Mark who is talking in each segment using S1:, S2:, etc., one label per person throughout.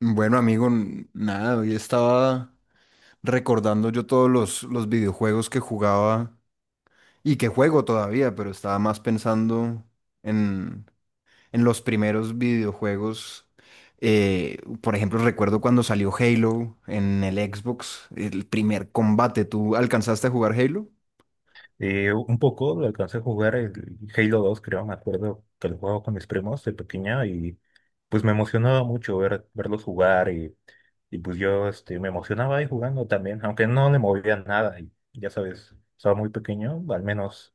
S1: Bueno, amigo, nada, hoy estaba recordando yo todos los videojuegos que jugaba y que juego todavía, pero estaba más pensando en, en los primeros videojuegos. Eh, por ejemplo, recuerdo cuando salió Halo en el Xbox, el primer combate. ¿Tú alcanzaste a jugar Halo?
S2: Un poco lo alcancé a jugar el Halo 2 creo, me acuerdo que lo jugaba con mis primos de pequeña y pues me emocionaba mucho ver, verlos jugar y pues yo este, me emocionaba ahí jugando también, aunque no le movía nada y ya sabes, estaba muy pequeño, al menos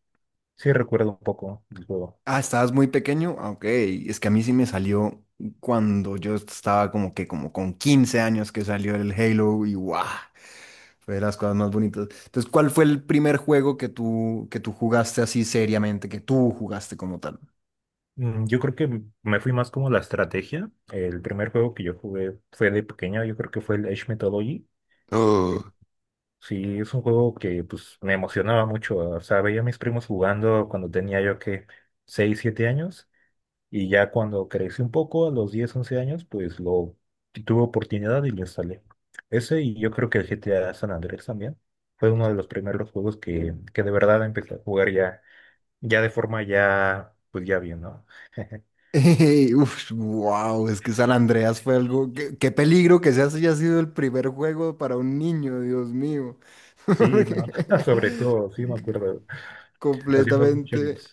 S2: sí recuerdo un poco del juego.
S1: Ah, estabas muy pequeño. Ah, ok, es que a mí sí me salió cuando yo estaba como que como con 15 años que salió el Halo y ¡guau! Fue de las cosas más bonitas. Entonces, ¿cuál fue el primer juego que tú jugaste así seriamente, que tú jugaste como tal?
S2: Yo creo que me fui más como la estrategia. El primer juego que yo jugué fue de pequeño, yo creo que fue el Age Mythology.
S1: Uh,
S2: Sí, es un juego que pues me emocionaba mucho. O sea, veía a mis primos jugando cuando tenía yo que 6 7 años y ya cuando crecí un poco, a los 10 11 años, pues lo tuve oportunidad y lo instalé. Ese y yo creo que el GTA San Andrés también fue uno de los primeros juegos que de verdad empecé a jugar ya, ya de forma ya, pues ya bien, ¿no?
S1: Uf, wow, es que San Andreas fue algo. Qué peligro que ese haya sido el primer juego para un niño, Dios mío.
S2: Sí, ¿no? Sobre todo, sí me acuerdo. Hacíamos muchas,
S1: Completamente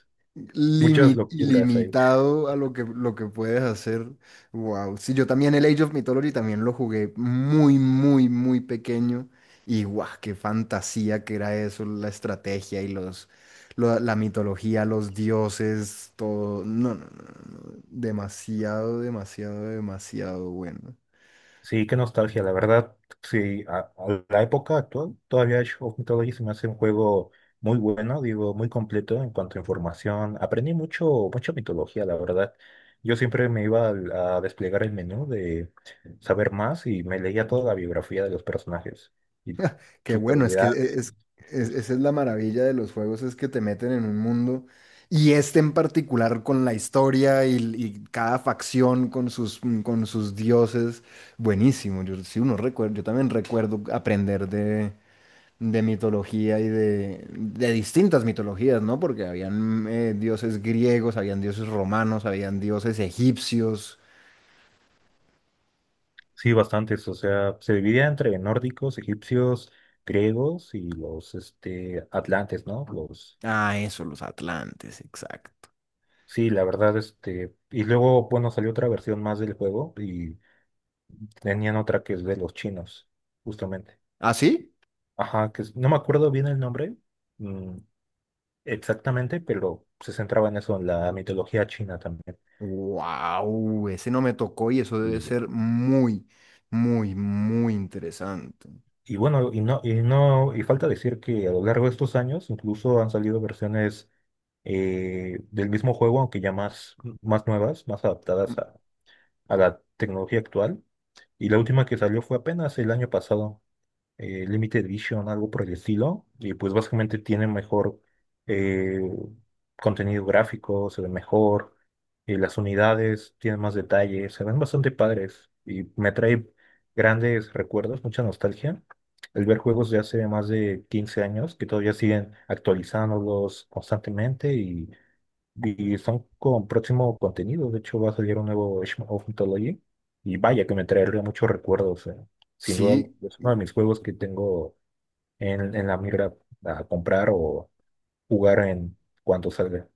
S2: muchas
S1: limi-
S2: locuras ahí.
S1: ilimitado a lo que puedes hacer. Wow. Sí, yo también el Age of Mythology también lo jugué muy, muy, muy pequeño. Y guau, qué fantasía que era eso, la estrategia y la mitología, los dioses, todo. No, no, no, no, no, demasiado, demasiado, demasiado bueno.
S2: Sí, qué nostalgia, la verdad. Sí, a la época actual, todavía Age of Mythology se me hace un juego muy bueno, digo, muy completo en cuanto a información. Aprendí mucho, mucha mitología, la verdad. Yo siempre me iba a, desplegar el menú de saber más y me leía toda la biografía de los personajes y
S1: Qué
S2: sus
S1: bueno, es que
S2: habilidades.
S1: es,
S2: Pues,
S1: esa es la maravilla de los juegos, es que te meten en un mundo y este en particular con la historia y cada facción con sus, dioses, buenísimo. Yo, sí, yo también recuerdo aprender de, mitología y de distintas mitologías, ¿no? Porque habían dioses griegos, habían dioses romanos, habían dioses egipcios.
S2: sí, bastantes, o sea, se dividía entre nórdicos, egipcios, griegos y los este, atlantes, ¿no? Los
S1: Ah, eso, los atlantes, exacto.
S2: sí, la verdad, este, y luego, bueno, salió otra versión más del juego y tenían otra que es de los chinos, justamente.
S1: ¿Ah, sí?
S2: Ajá, no me acuerdo bien el nombre, mm, exactamente, pero se centraba en eso, en la mitología china también.
S1: Wow, ese no me tocó y eso debe
S2: Y,
S1: ser muy, muy, muy interesante.
S2: y bueno, y no, y no, y falta decir que a lo largo de estos años incluso han salido versiones del mismo juego, aunque ya más, más nuevas, más
S1: Mm,
S2: adaptadas a la tecnología actual. Y la última que salió fue apenas el año pasado. Limited Vision, algo por el estilo, y pues básicamente tiene mejor eh, contenido gráfico, se ve mejor, y las unidades tienen más detalle, se ven bastante padres y me trae grandes recuerdos, mucha nostalgia. El ver juegos de hace más de 15 años que todavía siguen actualizándolos constantemente y son con próximo contenido. De hecho, va a salir un nuevo Age of Mythology. Y vaya que me traería muchos recuerdos. Sin duda,
S1: sí,
S2: es uno de mis juegos que tengo en la mira a comprar o jugar en cuanto salga.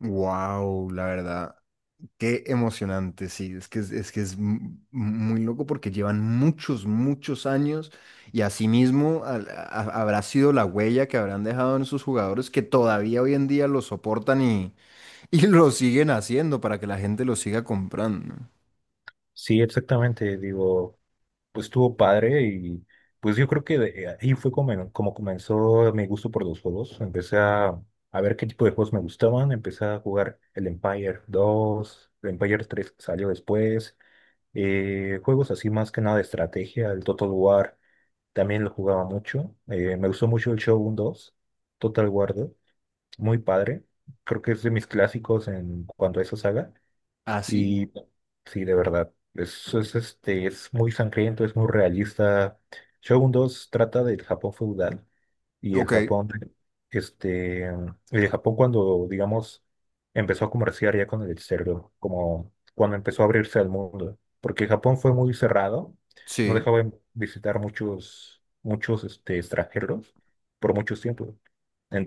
S1: wow, la verdad, qué emocionante, sí, es que es muy loco porque llevan muchos, muchos años y asimismo habrá sido la huella que habrán dejado en sus jugadores que todavía hoy en día lo soportan y, y lo siguen haciendo para que la gente lo siga comprando.
S2: Sí, exactamente. Digo, pues estuvo padre y pues yo creo que ahí fue como, como comenzó mi gusto por los juegos. A ver qué tipo de juegos me gustaban. Empecé a jugar el Empire 2 el Empire 3 salió después. Juegos así más que nada de estrategia, el Total War también lo jugaba mucho. Me gustó mucho el Shogun 2, Total War 2, muy padre. Creo que es de mis clásicos en cuanto a esa saga.
S1: ¿Ah, sí?
S2: Y sí, de verdad, este, es muy sangriento, es muy realista. Shogun 2 trata del Japón feudal y el
S1: Ok,
S2: Japón, este, el Japón cuando, digamos, empezó a comerciar ya con el exterior, como cuando empezó a abrirse al mundo, porque Japón fue muy cerrado, no
S1: sí,
S2: dejaba visitar este, extranjeros por mucho tiempo.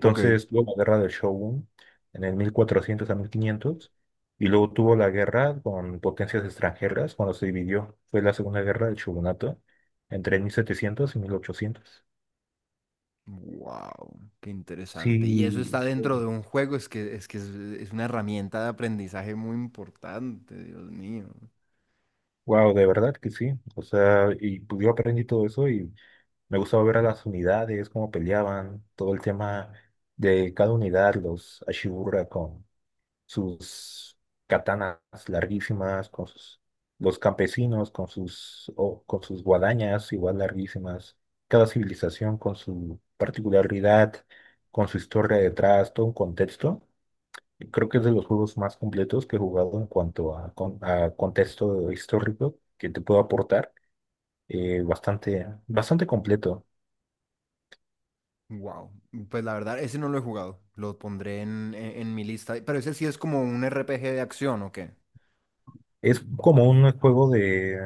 S1: ok.
S2: luego la guerra del Shogun, en el 1400 a 1500 y luego tuvo la guerra con potencias extranjeras cuando se dividió. Fue la Segunda Guerra del Shogunato entre 1700 y 1800.
S1: Wow, qué interesante. Y eso
S2: Sí,
S1: está dentro de un juego, es que es una herramienta de aprendizaje muy importante, Dios mío.
S2: wow, de verdad que sí. O sea, y pues, yo aprendí todo eso y me gustaba ver a las unidades, cómo peleaban, todo el tema de cada unidad, los Ashibura con sus katanas larguísimas, con sus, los campesinos con sus, con sus guadañas igual larguísimas, cada civilización con su particularidad, con su historia detrás, todo un contexto. Y creo que es de los juegos más completos que he jugado en cuanto a, a contexto histórico que te puedo aportar. Bastante, bastante completo.
S1: Wow, pues la verdad, ese no lo he jugado. Lo pondré en, en mi lista. Pero ese sí es como un RPG de acción, ¿o qué?
S2: Es como un juego de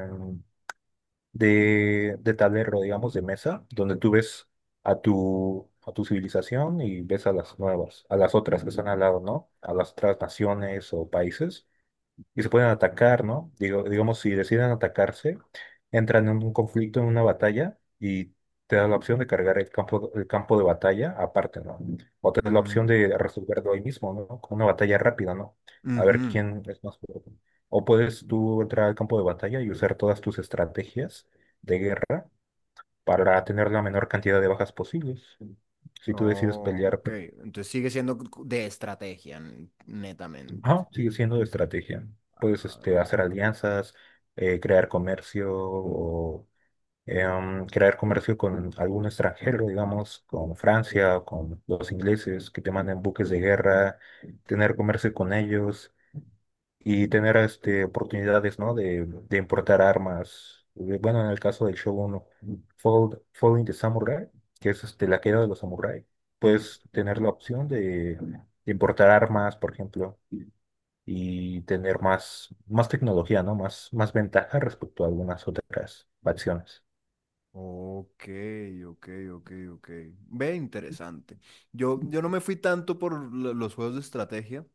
S2: de tablero, digamos, de mesa, donde tú ves a tu civilización y ves a las nuevas, a las otras que están al lado, ¿no? A las otras naciones o países y se pueden atacar, ¿no? Digo, digamos, si deciden atacarse, entran en un conflicto, en una batalla, y te da la opción de cargar el campo de batalla aparte, ¿no? O te da la
S1: Mm,
S2: opción de resolverlo ahí mismo, ¿no? Con una batalla rápida, ¿no? A ver
S1: ujú.
S2: quién es más fuerte. O puedes tú entrar al campo de batalla y usar todas tus estrategias de guerra para tener la menor cantidad de bajas posibles. Si tú decides
S1: Oh,
S2: pelear
S1: ok.
S2: pues,
S1: Entonces sigue siendo de estrategia, netamente.
S2: ajá, sigue siendo de estrategia. Puedes este,
S1: Ah,
S2: hacer alianzas, crear comercio o crear comercio con algún extranjero, digamos, con Francia o con los ingleses que te manden buques de guerra, tener comercio con ellos y tener este, oportunidades, ¿no? De importar armas. Bueno, en el caso del Shogun Falling the Samurai, que es este, la queda de los samuráis,
S1: ujú.
S2: puedes tener la opción de importar armas, por ejemplo y tener más, más tecnología, ¿no? Más, más ventaja respecto a algunas otras facciones.
S1: Ok, ok, ok, ok. Ve, interesante. Yo no me fui tanto por los juegos de estrategia.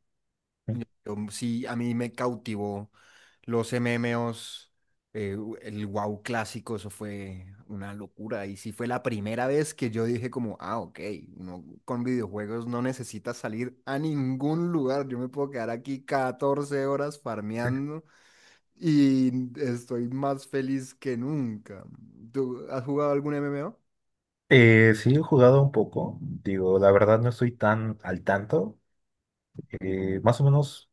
S2: ¿Sí?
S1: Yo sí, a mí me cautivó los MMOs, el WoW clásico, eso fue una locura. Y sí fue la primera vez que yo dije como, ah, ok, uno con videojuegos no necesita salir a ningún lugar. Yo me puedo quedar aquí 14 horas farmeando y estoy más feliz que nunca. ¿Tú has jugado algún MMO?
S2: Sí, he jugado un poco, digo, la verdad no estoy tan al tanto, más o menos,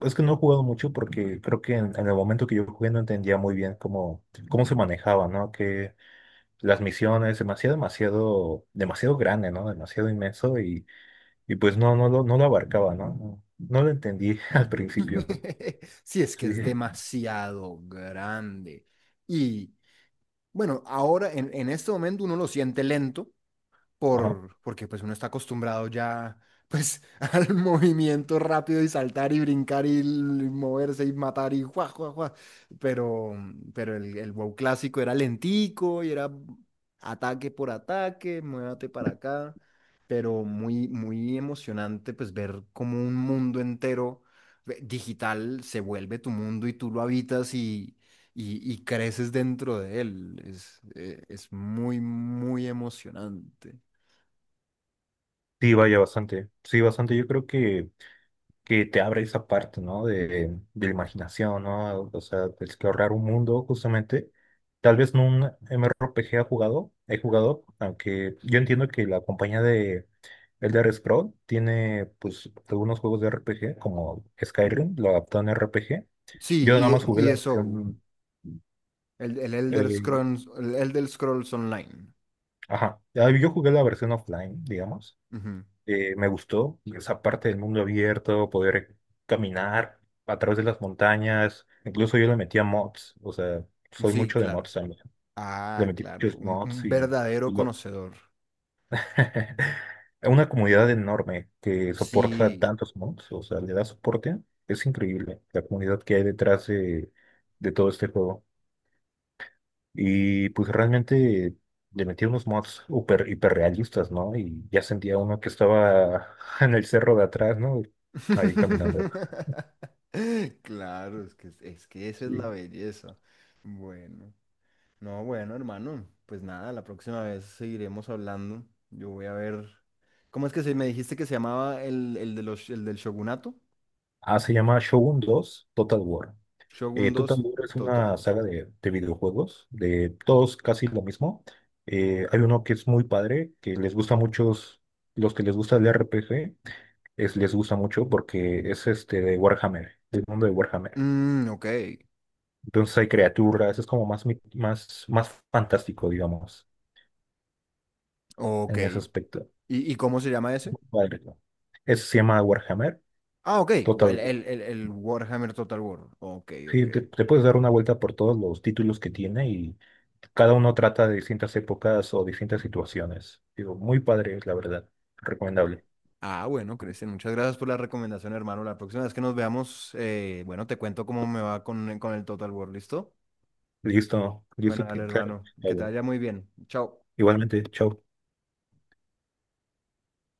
S2: es que no he jugado mucho porque creo que en el momento que yo jugué no entendía muy bien cómo, cómo se manejaba, ¿no? Que las misiones, demasiado grande, ¿no? Demasiado inmenso y pues no, no lo abarcaba, ¿no? No, no lo entendí al principio,
S1: Si es que
S2: sí,
S1: es demasiado grande. Y bueno, ahora en, este momento uno lo siente lento
S2: ajá.
S1: porque pues uno está acostumbrado ya pues al movimiento rápido y saltar y brincar y, y moverse y matar y guau, guau, guau. Pero, pero el WoW clásico era lentico y era ataque por ataque, muévate para acá, pero muy, muy emocionante pues ver como un mundo entero digital se vuelve tu mundo y tú lo habitas y... y creces dentro de él. Es muy, muy emocionante.
S2: Sí, vaya bastante. Sí, bastante. Que te abre esa parte, ¿no? De la imaginación, ¿no? O sea, de explorar un mundo, justamente. Tal vez no un m MMORPG ha jugado, he jugado, aunque yo entiendo que la compañía de Elder Scrolls tiene, pues, algunos juegos de RPG, como Skyrim, lo adaptó en RPG. Yo nada
S1: Sí,
S2: más jugué
S1: y
S2: la
S1: ESO,
S2: versión,
S1: el Elder
S2: eh,
S1: Scrolls, el Elder Scrolls Online.
S2: ajá, Ah, yo jugué la versión offline, digamos.
S1: Ujú.
S2: Me gustó esa parte del mundo abierto, poder caminar a través de las montañas. Incluso yo le metía mods, o sea, soy
S1: Sí,
S2: mucho de
S1: claro.
S2: mods también. Le
S1: Ah,
S2: metí
S1: claro,
S2: muchos
S1: un,
S2: mods
S1: un verdadero
S2: y lo...
S1: conocedor.
S2: Una comunidad enorme que soporta
S1: Sí.
S2: tantos mods, o sea, le da soporte. Es increíble la comunidad que hay detrás de todo este juego. Y pues realmente le metí unos mods hiperrealistas, ¿no? Y ya sentía uno que estaba en el cerro de atrás, ¿no? Ahí caminando.
S1: Claro, es que esa es la
S2: Sí.
S1: belleza. Bueno, no, bueno, hermano, pues nada, la próxima vez seguiremos hablando. Yo voy a ver. ¿Cómo es que se me dijiste que se llamaba el del Shogunato?
S2: Ah, se llama Shogun 2 Total War.
S1: Shogun
S2: Total
S1: dos
S2: War es
S1: Total
S2: una
S1: War.
S2: saga de videojuegos, de todos casi lo mismo. Hay uno que es muy padre, que les gusta a muchos los que les gusta el RPG, les gusta mucho porque es este de Warhammer, del mundo de Warhammer.
S1: Mm, ok.
S2: Entonces hay criaturas, es como más, más fantástico, digamos,
S1: Ok.
S2: en ese
S1: ¿Y,
S2: aspecto.
S1: y cómo se llama ese?
S2: Padre, ¿no? Eso se llama Warhammer
S1: Ah, ok.
S2: Total
S1: El,
S2: War.
S1: el, el, el Warhammer Total War. Ok, ok.
S2: Sí, te puedes dar una vuelta por todos los títulos que tiene y cada uno trata de distintas épocas o distintas situaciones. Digo, muy padre es la verdad, recomendable.
S1: Ah, bueno, Cristian, muchas gracias por la recomendación, hermano. La próxima vez que nos veamos, bueno, te cuento cómo me va con, el Total War, ¿listo?
S2: Listo,
S1: Bueno, dale,
S2: claro.
S1: hermano. Que te vaya muy bien. Chao.
S2: Igualmente, chao.